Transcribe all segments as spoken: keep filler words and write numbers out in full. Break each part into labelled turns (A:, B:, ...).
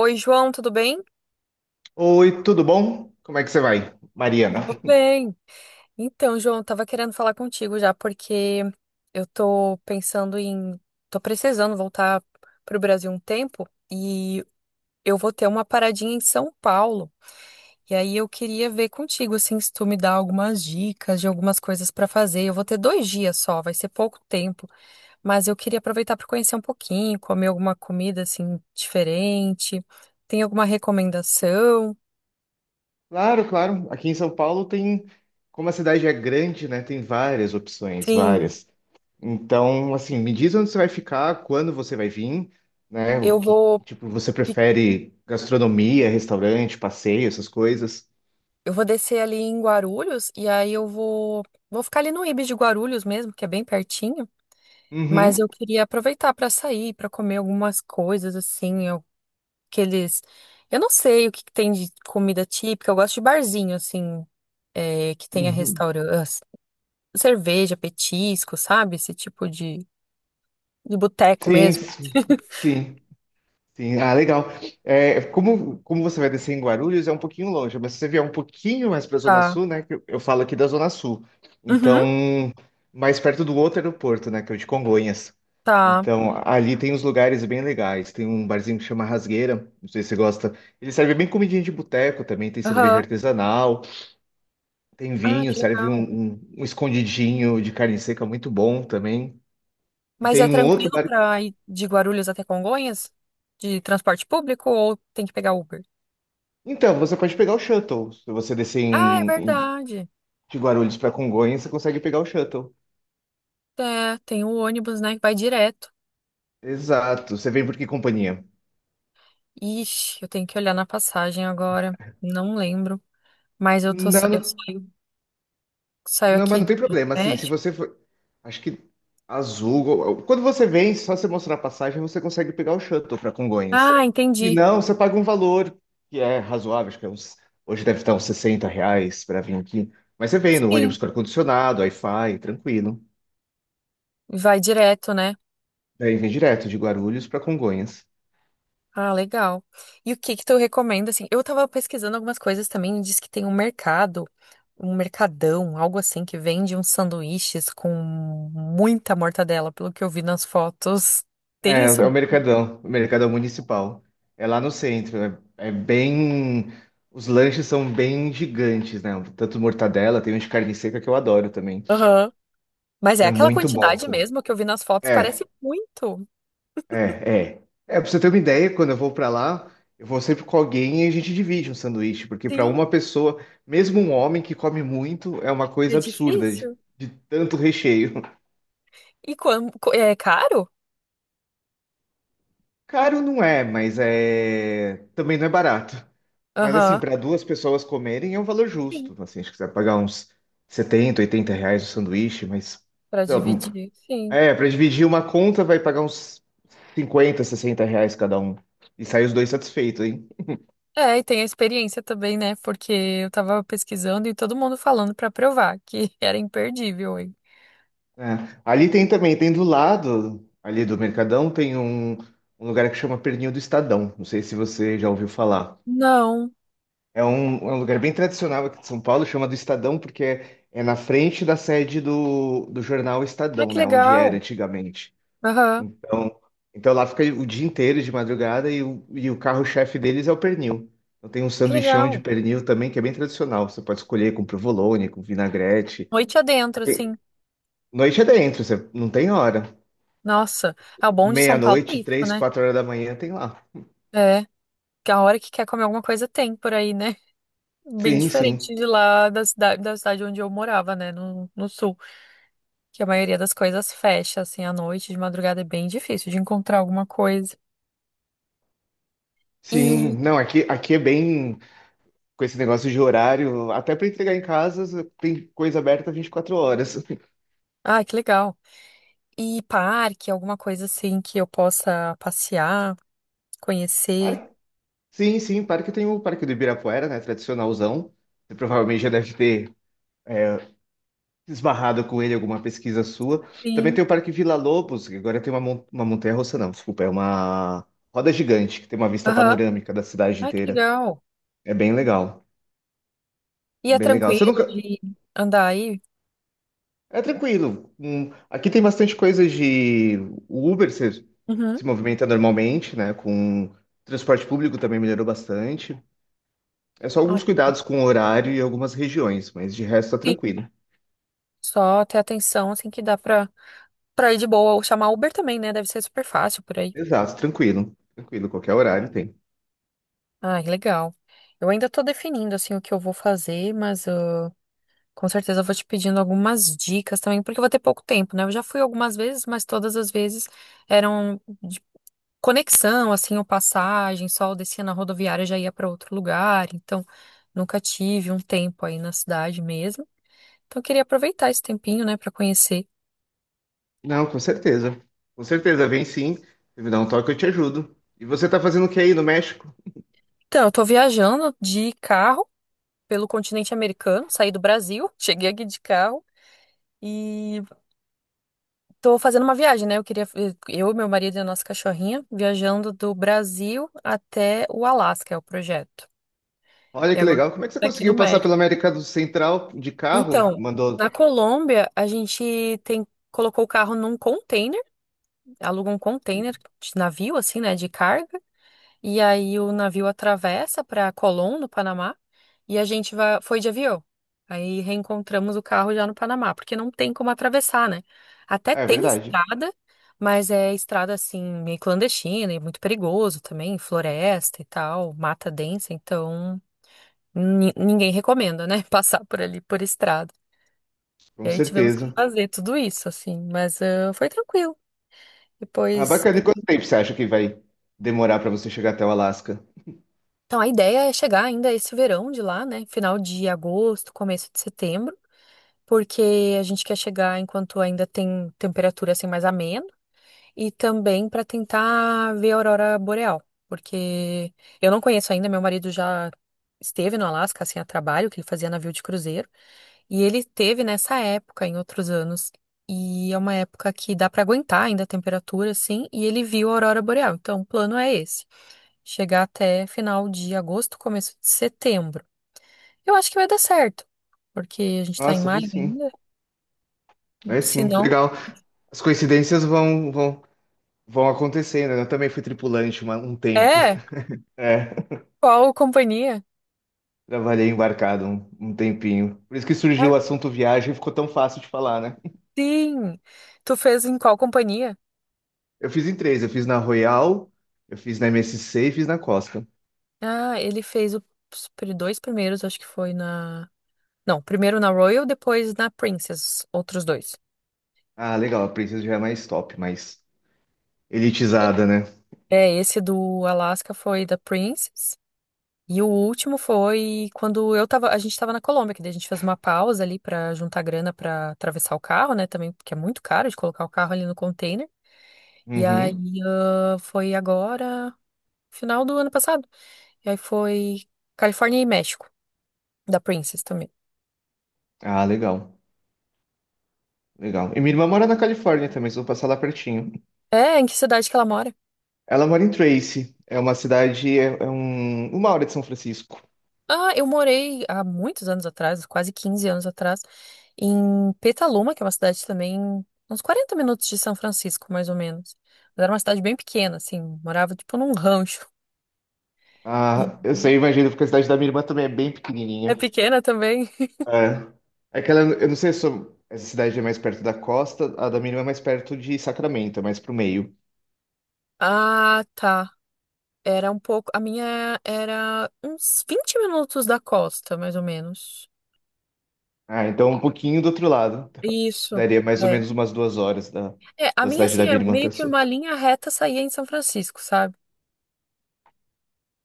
A: Oi, João, tudo bem?
B: Oi, tudo bom? Como é que você vai, Mariana?
A: Tudo bem. Então, João, eu tava querendo falar contigo já, porque eu tô pensando em. Tô precisando voltar pro Brasil um tempo e eu vou ter uma paradinha em São Paulo. E aí eu queria ver contigo, assim, se tu me dá algumas dicas de algumas coisas pra fazer. Eu vou ter dois dias só, vai ser pouco tempo, mas eu queria aproveitar pra conhecer um pouquinho, comer alguma comida, assim, diferente. Tem alguma recomendação?
B: Claro, claro. Aqui em São Paulo tem, como a cidade é grande, né? Tem várias opções,
A: Sim,
B: várias. Então, assim, me diz onde você vai ficar, quando você vai vir, né? O
A: eu
B: que,
A: vou.
B: tipo, você prefere gastronomia, restaurante, passeio, essas coisas?
A: Eu vou descer ali em Guarulhos e aí eu vou vou ficar ali no Ibis de Guarulhos mesmo, que é bem pertinho, mas eu
B: Uhum.
A: queria aproveitar para sair, para comer algumas coisas assim, eu- aqueles eu não sei o que que tem de comida típica, eu gosto de barzinho assim, é, que tenha
B: Uhum.
A: restaurante, cerveja, petisco, sabe? Esse tipo de de boteco
B: Sim,
A: mesmo.
B: sim, sim. Sim, ah, legal. É, como, como você vai descer em Guarulhos, é um pouquinho longe, mas se você vier um pouquinho mais para a Zona
A: Tá.
B: Sul, né, que Eu, eu falo aqui da Zona Sul.
A: Uhum,
B: Então, mais perto do outro aeroporto, né? Que é o de Congonhas.
A: tá.
B: Então, ali tem uns lugares bem legais. Tem um barzinho que chama Rasgueira, não sei se você gosta. Ele serve bem comidinha de boteco também, tem cerveja
A: Aham.
B: artesanal, tem
A: Ah,
B: vinho,
A: que
B: serve um,
A: legal.
B: um, um escondidinho de carne seca muito bom também. E
A: Mas é
B: tem um outro
A: tranquilo
B: bar.
A: pra ir de Guarulhos até Congonhas? De transporte público ou tem que pegar Uber?
B: Então, você pode pegar o shuttle. Se você descer
A: Ah, é
B: em,
A: verdade.
B: de Guarulhos para Congonhas, você consegue pegar o shuttle.
A: É, tem o ônibus, né, que vai direto.
B: Exato. Você vem por que companhia?
A: Ixi, eu tenho que olhar na passagem agora. Não lembro. Mas eu tô, sa-
B: Não,
A: eu
B: não,
A: saio, saio
B: não, mas
A: aqui
B: não tem
A: do
B: problema. Assim, se
A: México.
B: você for. Acho que azul. Quando você vem, só você mostrar a passagem, você consegue pegar o shuttle para Congonhas.
A: Ah,
B: E
A: entendi.
B: não, você paga um valor que é razoável, acho que é uns, hoje deve estar uns sessenta reais para vir aqui. Mas você vem no
A: Sim,
B: ônibus com ar-condicionado, Wi-Fi, tranquilo.
A: vai direto, né?
B: Daí vem direto de Guarulhos para Congonhas.
A: Ah, legal. E o que que tu recomenda, assim? Eu tava pesquisando algumas coisas também, e diz que tem um mercado, um mercadão, algo assim, que vende uns sanduíches com muita mortadela, pelo que eu vi nas fotos. Tem
B: É, é
A: isso?
B: o Mercadão, o Mercadão Municipal. É lá no centro, é, é bem. Os lanches são bem gigantes, né? Tanto mortadela, tem um de carne seca que eu adoro também,
A: Aham. Mas
B: que
A: é
B: é
A: aquela
B: muito bom.
A: quantidade
B: Tudo.
A: mesmo que eu vi nas fotos,
B: É,
A: parece muito.
B: é, é. É, pra você ter uma ideia, quando eu vou pra lá, eu vou sempre com alguém e a gente divide um sanduíche, porque pra
A: Sim,
B: uma pessoa, mesmo um homem que come muito, é uma
A: é
B: coisa absurda de,
A: difícil.
B: de tanto recheio.
A: E quando, é caro?
B: Caro não é, mas é também não é barato. Mas assim,
A: Aham.
B: para duas pessoas comerem é um valor
A: Sim,
B: justo. Assim, acho que você vai pagar uns setenta, oitenta reais o sanduíche, mas
A: pra
B: sei lá, um,
A: dividir, sim.
B: é, para dividir uma conta vai pagar uns cinquenta, sessenta reais cada um. E sai os dois satisfeitos, hein?
A: É, e tem a experiência também, né? Porque eu tava pesquisando e todo mundo falando pra provar que era imperdível, hein?
B: É. Ali tem também, tem do lado ali do Mercadão, tem um, um lugar que chama Pernil do Estadão. Não sei se você já ouviu falar.
A: Não.
B: É um, é um lugar bem tradicional aqui de São Paulo, chama do Estadão, porque é, é na frente da sede do, do jornal
A: Ah,
B: Estadão,
A: que
B: né? Onde era
A: legal.
B: antigamente.
A: Aham,
B: Então, então lá fica o dia inteiro de madrugada e o, e o carro-chefe deles é o pernil. Então tem um
A: que
B: sanduichão de
A: legal.
B: pernil também, que é bem tradicional. Você pode escolher com provolone, com vinagrete.
A: Noite adentro,
B: Aqui,
A: assim.
B: noite é dentro, você não tem hora.
A: Nossa, é o bom de São Paulo é
B: Meia-noite,
A: isso,
B: três,
A: né?
B: quatro horas da manhã, tem lá.
A: É, que a hora que quer comer alguma coisa tem por aí, né? Bem
B: Sim, sim.
A: diferente de lá da cidade, da cidade onde eu morava, né? No, no sul, que a maioria das coisas fecha, assim, à noite, de madrugada é bem difícil de encontrar alguma coisa.
B: Sim,
A: E,
B: não, aqui, aqui é bem. Com esse negócio de horário, até para entregar em casa, tem coisa aberta vinte e quatro horas.
A: ah, que legal. E parque, alguma coisa assim que eu possa passear, conhecer.
B: Parque- sim, sim, parque tem o Parque do Ibirapuera, né, tradicionalzão. Você provavelmente já deve ter esbarrado com ele em alguma pesquisa sua. Também
A: Sim.
B: tem o Parque Vila Lobos, que agora tem uma, mon- uma montanha-russa, não, desculpa, é uma roda gigante, que tem uma vista
A: Aham.
B: panorâmica da cidade
A: Ai, que
B: inteira.
A: legal.
B: É bem legal,
A: E
B: é
A: é
B: bem legal. Você
A: tranquilo
B: nunca.
A: de andar aí?
B: É tranquilo. Hum, Aqui tem bastante coisa de o Uber se,
A: Uhum.
B: se movimenta normalmente, né? Com transporte público também melhorou bastante. É só
A: Ah,
B: alguns
A: que-
B: cuidados com o horário e algumas regiões, mas de resto tá
A: Sim.
B: tranquilo.
A: Só ter atenção, assim, que dá pra, pra ir de boa. Ou chamar Uber também, né? Deve ser super fácil por aí.
B: Exato, tranquilo. Tranquilo, qualquer horário tem.
A: Ai, legal. Eu ainda tô definindo, assim, o que eu vou fazer, mas ah, com certeza eu vou te pedindo algumas dicas também, porque eu vou ter pouco tempo, né? Eu já fui algumas vezes, mas todas as vezes eram conexão, assim, ou passagem, só eu descia na rodoviária e já ia para outro lugar, então nunca tive um tempo aí na cidade mesmo. Então eu queria aproveitar esse tempinho, né, para conhecer.
B: Não, com certeza. Com certeza, vem sim. Se me dá um toque, eu te ajudo. E você tá fazendo o que aí no México?
A: Então, eu tô viajando de carro pelo continente americano, saí do Brasil, cheguei aqui de carro e tô fazendo uma viagem, né? Eu queria eu, meu marido e a nossa cachorrinha viajando do Brasil até o Alasca, é o projeto.
B: Olha
A: E
B: que
A: agora
B: legal. Como é que você
A: tá aqui no
B: conseguiu passar
A: México.
B: pela América do Central de carro?
A: Então,
B: Mandou.
A: na Colômbia, a gente tem colocou o carro num container, aluga um container de navio, assim, né, de carga, e aí o navio atravessa para Colón, no Panamá, e a gente vai, foi de avião. Aí reencontramos o carro já no Panamá, porque não tem como atravessar, né? Até
B: É
A: tem
B: verdade,
A: estrada, mas é estrada assim, meio clandestina e muito perigoso também, floresta e tal, mata densa, então ni- ninguém recomenda, né, passar por ali por estrada. E
B: com
A: aí tivemos que
B: certeza.
A: fazer tudo isso, assim, mas ah, foi tranquilo.
B: Ah,
A: Depois.
B: bacana. E quanto tempo você acha que vai demorar para você chegar até o Alasca?
A: Então a ideia é chegar ainda esse verão de lá, né? Final de agosto, começo de setembro, porque a gente quer chegar enquanto ainda tem temperatura assim mais ameno e também para tentar ver a aurora boreal, porque eu não conheço ainda, meu marido já esteve no Alasca assim a trabalho, que ele fazia navio de cruzeiro. E ele teve nessa época, em outros anos. E é uma época que dá para aguentar ainda a temperatura, assim, e ele viu a aurora boreal. Então, o plano é esse: chegar até final de agosto, começo de setembro. Eu acho que vai dar certo, porque a gente tá em
B: Nossa, vai
A: maio
B: sim.
A: ainda.
B: Vai
A: Se
B: sim.
A: não,
B: Legal. As coincidências vão, vão, vão acontecendo, né? Eu também fui tripulante uma- um tempo.
A: é,
B: É,
A: qual companhia?
B: trabalhei embarcado um, um tempinho. Por isso que surgiu
A: Ah,
B: o assunto viagem e ficou tão fácil de falar, né?
A: sim. Tu fez em qual companhia?
B: Eu fiz em três. Eu fiz na Royal, eu fiz na M S C e fiz na Costa.
A: Ah, ele fez o- os pri- dois primeiros, acho que foi na. Não, primeiro na Royal, depois na Princess, outros dois.
B: Ah, legal. A Princess já é mais top, mais elitizada, né?
A: É, esse do Alaska foi da Princess. E o último foi quando eu tava, a gente tava na Colômbia, que daí a gente fez uma pausa ali pra juntar grana pra atravessar o carro, né, também, porque é muito caro de colocar o carro ali no container. E aí
B: Uhum.
A: ah, foi agora, final do ano passado. E aí foi Califórnia e México, da Princess também.
B: Ah, legal. Legal. E minha irmã mora na Califórnia também, só vou passar lá pertinho.
A: É, em que cidade que ela mora?
B: Ela mora em Tracy, é uma cidade, é, é um, uma hora de São Francisco.
A: Ah, eu morei há muitos anos atrás, quase quinze anos atrás, em Petaluma, que é uma cidade também, uns quarenta minutos de São Francisco, mais ou menos. Mas era uma cidade bem pequena, assim, morava tipo num rancho. E
B: Ah, eu sei, imagino, porque a cidade da minha irmã também é bem
A: É
B: pequenininha.
A: pequena também?
B: É. Aquela, eu não sei se eu- essa cidade é mais perto da costa, a da minha irmã é mais perto de Sacramento, é mais pro meio.
A: Ah, tá. Era um pouco. A minha era uns vinte minutos da costa, mais ou menos.
B: Ah, então um pouquinho do outro lado.
A: Isso.
B: Daria mais ou
A: É.
B: menos umas duas horas da,
A: É, a
B: da
A: minha,
B: cidade
A: assim,
B: da minha
A: era
B: irmã até a
A: meio que
B: sua.
A: uma linha reta saía em São Francisco, sabe?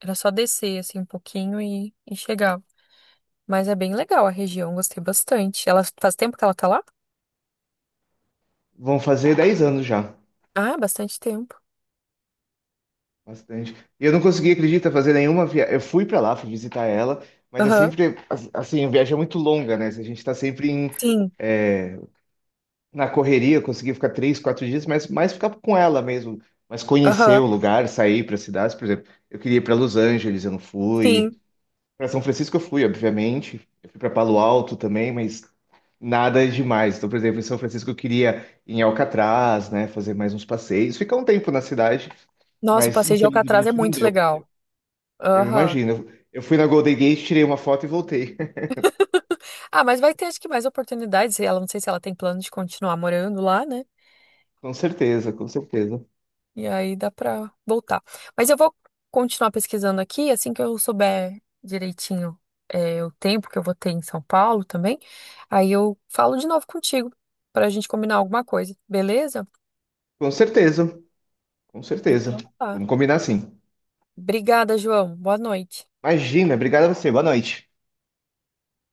A: Era só descer, assim, um pouquinho e, e chegava. Mas é bem legal a região, gostei bastante. Ela faz tempo que ela tá lá?
B: Vão fazer dez anos já.
A: Ah, bastante tempo.
B: Bastante. E eu não consegui, acredita, fazer nenhuma viagem. Eu fui pra lá, fui visitar ela, mas é
A: Aham.
B: sempre, as- assim, a viagem é muito longa, né? A gente tá sempre em,
A: Sim,
B: é, na correria, eu consegui ficar três, quatro dias, mas mais ficar com ela mesmo, mas conhecer
A: aham,
B: o lugar, sair para cidades, por exemplo. Eu queria ir para Los Angeles, eu não fui.
A: sim.
B: Para São Francisco eu fui, obviamente. Eu fui para Palo Alto também, mas nada demais. Então, por exemplo, em São Francisco eu queria ir em Alcatraz, né, fazer mais uns passeios, ficar um tempo na cidade,
A: Nossa, o
B: mas
A: passeio de Alcatraz é
B: infelizmente não
A: muito
B: deu.
A: legal.
B: Eu
A: Aham.
B: imagino. Eu fui na Golden Gate, tirei uma foto e voltei.
A: Ah, mas vai ter acho que mais oportunidades. Ela não sei se ela tem plano de continuar morando lá, né?
B: Com certeza, com certeza.
A: E aí dá pra voltar. Mas eu vou continuar pesquisando aqui, assim que eu souber direitinho é, o tempo que eu vou ter em São Paulo também. Aí eu falo de novo contigo pra gente combinar alguma coisa, beleza?
B: Com certeza, com certeza.
A: Então tá.
B: Vamos combinar assim.
A: Obrigada, João. Boa noite.
B: Imagina, obrigado a você. Boa noite.